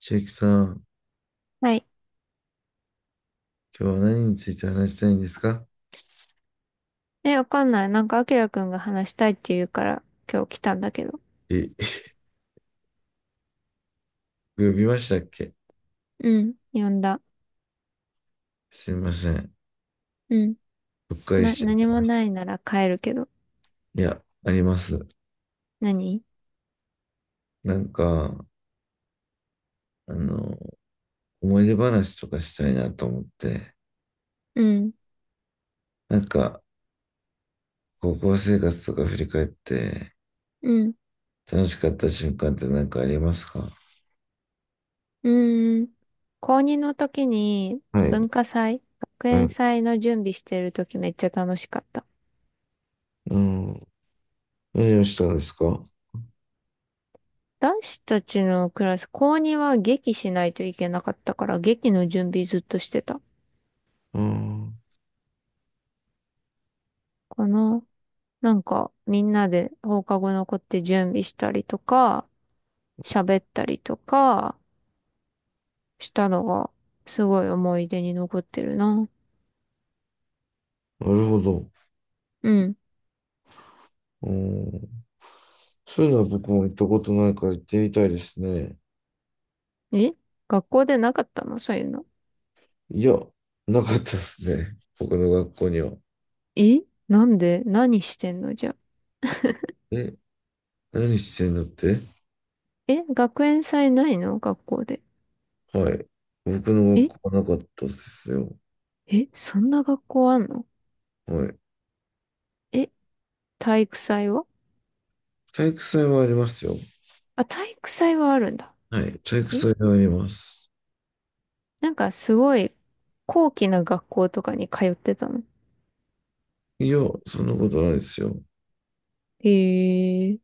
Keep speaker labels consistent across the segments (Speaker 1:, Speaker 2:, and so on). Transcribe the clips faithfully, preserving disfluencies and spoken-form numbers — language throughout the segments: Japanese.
Speaker 1: 千秋さん、
Speaker 2: はい。
Speaker 1: 今日は何について話したいんですか？
Speaker 2: え、わかんない。なんか、あきらくんが話したいって言うから、今日来たんだけど。
Speaker 1: え、呼びましたっけ？
Speaker 2: うん。呼んだ。
Speaker 1: すいません。
Speaker 2: うん。
Speaker 1: うっかり
Speaker 2: な、
Speaker 1: しちゃっ
Speaker 2: 何も
Speaker 1: た。
Speaker 2: ないなら帰るけど。
Speaker 1: いや、あります。
Speaker 2: 何？
Speaker 1: なんか、あの、思い出話とかしたいなと思って、
Speaker 2: うん。
Speaker 1: なんか、高校生活とか振り返って、
Speaker 2: うん。
Speaker 1: 楽しかった瞬間って何かありますか？
Speaker 2: うーん。高こうにの時に、
Speaker 1: はい。
Speaker 2: 文化祭、学
Speaker 1: は
Speaker 2: 園
Speaker 1: い。
Speaker 2: 祭の準備してる時めっちゃ楽しかった。
Speaker 1: うん。何をしたんですか？
Speaker 2: 男子たちのクラス、高こうには劇しないといけなかったから、劇の準備ずっとしてた。
Speaker 1: うん。
Speaker 2: かな。なんか、みんなで放課後残って準備したりとか、喋ったりとかしたのが、すごい思い出に残ってるな。
Speaker 1: なるほど。
Speaker 2: うん。
Speaker 1: うん。そういうのは僕も行ったことないから行ってみたいですね。
Speaker 2: え、学校でなかったの、そういうの？
Speaker 1: いや、なかったっすね。僕の学校には。
Speaker 2: え、なんで何してんのじゃあ？
Speaker 1: え、何してんだって。
Speaker 2: え、学園祭ないの、学校で？
Speaker 1: はい。僕の
Speaker 2: え
Speaker 1: 学校はなかったですよ。
Speaker 2: え、そんな学校あんの？
Speaker 1: はい。
Speaker 2: え、体育祭は？
Speaker 1: 体育祭はありますよ。
Speaker 2: あ、体育祭はあるんだ。
Speaker 1: はい。体育
Speaker 2: え、
Speaker 1: 祭はあります。
Speaker 2: なんかすごい高貴な学校とかに通ってたの？
Speaker 1: いや、そんなことないですよ。
Speaker 2: へえ。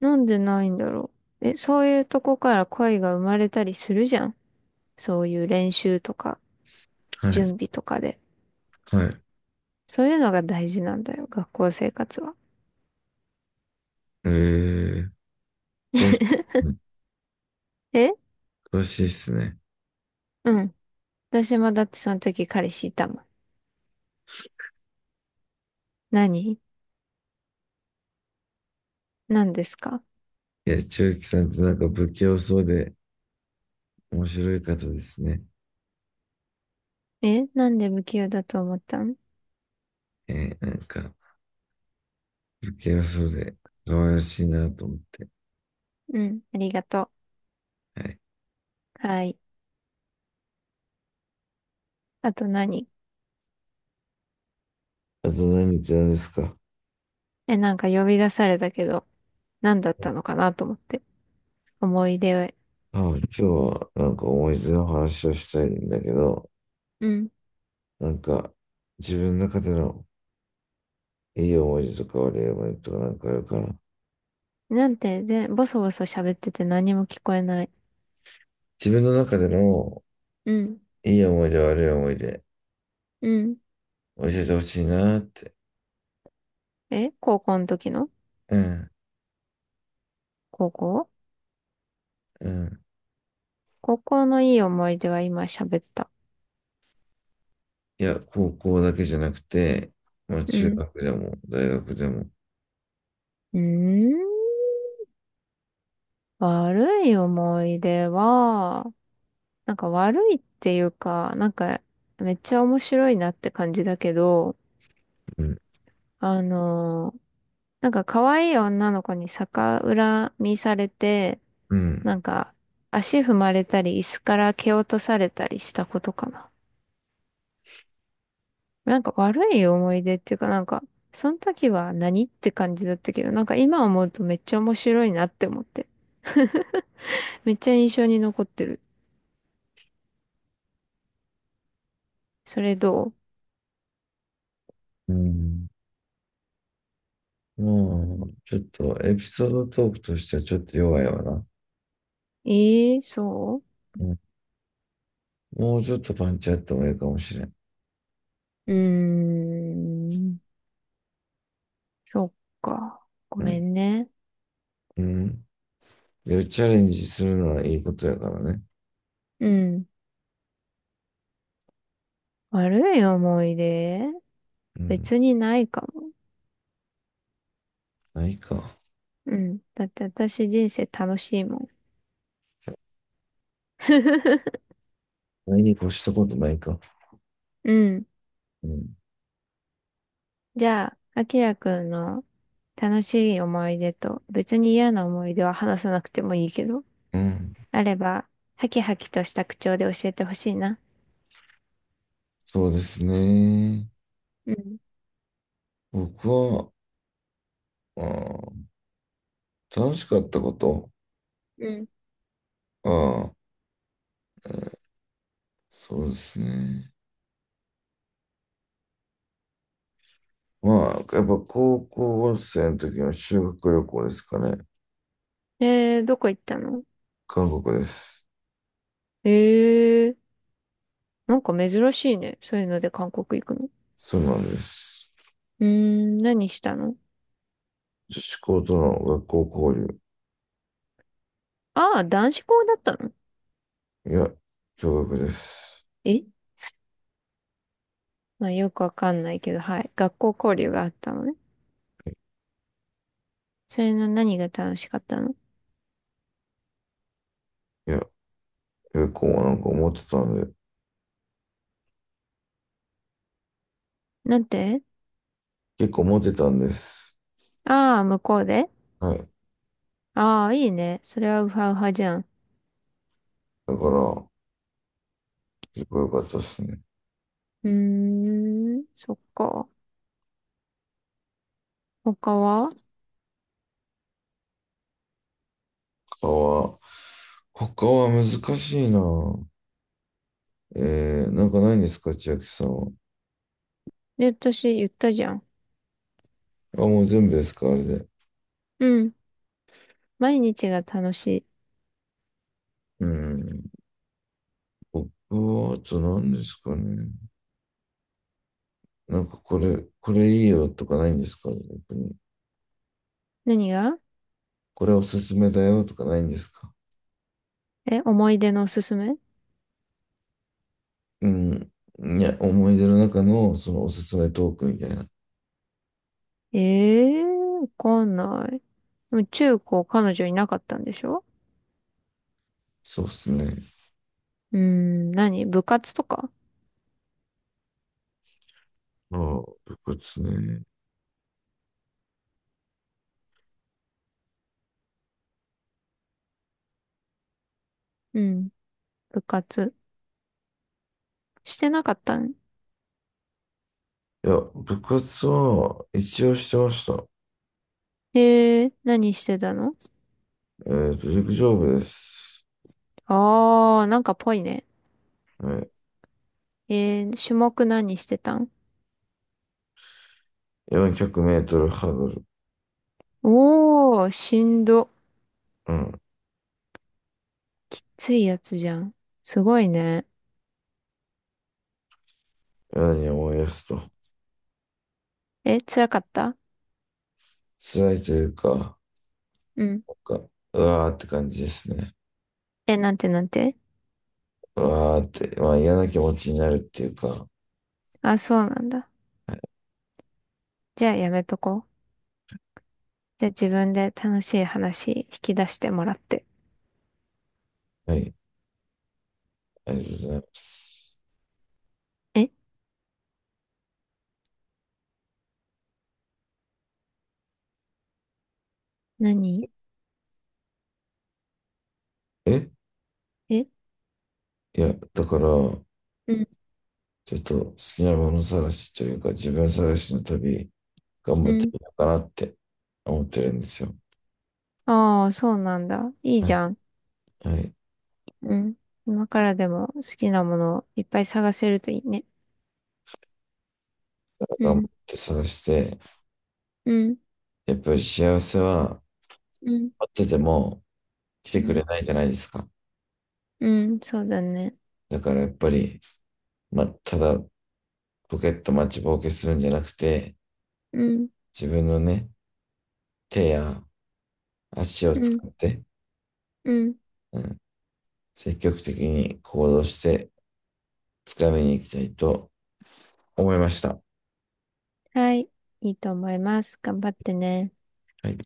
Speaker 2: なんでないんだろう。え、そういうとこから恋が生まれたりするじゃん。そういう練習とか、
Speaker 1: はい。
Speaker 2: 準備とかで。
Speaker 1: はい。
Speaker 2: そういうのが大事なんだよ、学校生活は。
Speaker 1: えー、詳しい、うん
Speaker 2: え、
Speaker 1: 詳しいっすね。
Speaker 2: うん。私もだってその時彼氏いたもん。何？何ですか？
Speaker 1: いや、千秋さんってなんか不器用そうで面白い方ですね。
Speaker 2: え、なんで無給だと思ったん？
Speaker 1: えー、なんか不器用そうで可愛らしいなと思って。
Speaker 2: うん、ありがと
Speaker 1: はい。
Speaker 2: う。はい。あと何？
Speaker 1: あと何言ってたんですか？
Speaker 2: え、なんか呼び出されたけど、何だったのかなと思って。思い出を。
Speaker 1: はい、今日はなんか思い出の話をしたいんだけど、
Speaker 2: うん。
Speaker 1: なんか自分の中でのいい思い出とか悪い思い出とかなんかあるかな。
Speaker 2: なんて、で、ボソボソ喋ってて何も聞こえない。
Speaker 1: 自分の中での
Speaker 2: うん。
Speaker 1: いい思い出悪い思い出
Speaker 2: うん。
Speaker 1: 教えてほしいなって。
Speaker 2: え、高校の時の？
Speaker 1: うん、
Speaker 2: 高校？
Speaker 1: うん。
Speaker 2: 高校のいい思い出は今喋った。
Speaker 1: いや、高校だけじゃなくて、まあ
Speaker 2: う
Speaker 1: 中
Speaker 2: ん。
Speaker 1: 学でも大学でも。
Speaker 2: うーん。悪い思い出は、なんか悪いっていうか、なんかめっちゃ面白いなって感じだけど、
Speaker 1: うん、
Speaker 2: あのーなんか可愛い女の子に逆恨みされて、
Speaker 1: う
Speaker 2: な
Speaker 1: ん。
Speaker 2: んか足踏まれたり椅子から蹴落とされたりしたことかな。なんか悪い思い出っていうかなんか、その時は何って感じだったけど、なんか今思うとめっちゃ面白いなって思って、めっちゃ印象に残ってる。それどう？
Speaker 1: うん、もうちょっとエピソードトークとしてはちょっと弱いわな。
Speaker 2: ええー、そ
Speaker 1: うん、もうちょっとパンチあってもいいかもしれん。
Speaker 2: う。うーん。そっか。ご
Speaker 1: う
Speaker 2: め
Speaker 1: ん、
Speaker 2: んね。
Speaker 1: うん。いやチャレンジするのはいいことやからね。
Speaker 2: うん。悪い思い出？
Speaker 1: うん。
Speaker 2: 別にないかも。
Speaker 1: ないか。
Speaker 2: うん。だって私人生楽しいもん。
Speaker 1: ないに越したことないか。
Speaker 2: うん。
Speaker 1: うん。
Speaker 2: じゃあ、あきらくんの楽しい思い出と別に嫌な思い出は話さなくてもいいけど、
Speaker 1: うん。
Speaker 2: あれば、ハキハキとした口調で教えてほしいな。
Speaker 1: そうですね。
Speaker 2: うん。
Speaker 1: 僕は、あー楽しかったこと。
Speaker 2: うん。
Speaker 1: ああ、そうですね。まあ、やっぱ高校生の時の修学旅行ですかね。
Speaker 2: えー、どこ行ったの？
Speaker 1: 韓国です。
Speaker 2: えー、なんか珍しいね。そういうので韓国行くの？
Speaker 1: そうなんです。
Speaker 2: うーん、何したの？
Speaker 1: 女子校との学校交
Speaker 2: ああ、男子校だったの？
Speaker 1: 流。いや、驚愕です。
Speaker 2: え。まあよくわかんないけど、はい。学校交流があったのね。それの何が楽しかったの？
Speaker 1: いや、結構なんか思ってたんで、
Speaker 2: なんて？
Speaker 1: 結構モってたんです。
Speaker 2: ああ、向こうで？
Speaker 1: はい。
Speaker 2: ああ、いいね。それはウハウハじゃん。
Speaker 1: だから、結構良かったですね。
Speaker 2: うーん、そっか。他は？
Speaker 1: 他は、他は難しいな。えー、なんかないんですか、千秋さんは。
Speaker 2: え、私言ったじゃん。
Speaker 1: あ、もう全部ですか、あれで。
Speaker 2: うん。毎日が楽しい。
Speaker 1: うん。僕は、あと何ですかね。なんかこれ、これいいよとかないんですか、逆に。
Speaker 2: 何が？
Speaker 1: これおすすめだよとかないんですか。
Speaker 2: え、思い出のおすすめ？
Speaker 1: うん。いや、思い出の中の、そのおすすめトークみたいな。
Speaker 2: ええー、わかんない。でも中高彼女いなかったんでしょ？
Speaker 1: そうですね。
Speaker 2: うーん、何、部活とか？
Speaker 1: ああ、部活ね。
Speaker 2: うん。部活。してなかったん？
Speaker 1: いや、部活は一応してました。
Speaker 2: えー、何してたの？
Speaker 1: えっと、陸上部です。
Speaker 2: あー、なんかぽいね。
Speaker 1: はい。
Speaker 2: えー、種目何してたん？
Speaker 1: よんひゃくメートルハードル。
Speaker 2: おー、しんど。
Speaker 1: うん。
Speaker 2: ついやつじゃん。すごいね。
Speaker 1: 何を思い出すと。
Speaker 2: え、辛かった？
Speaker 1: 辛いというか、
Speaker 2: うん。
Speaker 1: かうわーって感じですね。
Speaker 2: え、なんてなんて？
Speaker 1: うわーって、まあ嫌な気持ちになるっていうか。
Speaker 2: あ、そうなんだ。じゃあやめとこう。じゃあ自分で楽しい話引き出してもらって。
Speaker 1: はい。ありがとうございます。
Speaker 2: え、何？
Speaker 1: え、
Speaker 2: え、
Speaker 1: いや、だから、
Speaker 2: うん、
Speaker 1: ちょっと好きなもの探しというか、自分探しの旅、頑
Speaker 2: う
Speaker 1: 張って
Speaker 2: ん。
Speaker 1: みようかなって思ってるんですよ。
Speaker 2: ああ、そうなんだ。いい
Speaker 1: う
Speaker 2: じ
Speaker 1: ん、
Speaker 2: ゃん。
Speaker 1: はい。
Speaker 2: うん。今からでも好きなものをいっぱい探せるといいね。う
Speaker 1: 頑張っ
Speaker 2: ん。
Speaker 1: て探して、
Speaker 2: うん、
Speaker 1: やっぱり幸せは、
Speaker 2: うん、
Speaker 1: あってても、来
Speaker 2: う
Speaker 1: てくれ
Speaker 2: ん、
Speaker 1: ないじゃないですか。
Speaker 2: うん、そうだね。
Speaker 1: だからやっぱり、まあ、ただポケット待ちぼうけするんじゃなくて、
Speaker 2: うん、
Speaker 1: 自分のね、手や足を
Speaker 2: う
Speaker 1: 使
Speaker 2: ん、
Speaker 1: って、
Speaker 2: うん。
Speaker 1: うん、積極的に行動して、つかみに行きたいと思いました。
Speaker 2: はい。いいと思います。頑張ってね。
Speaker 1: はい。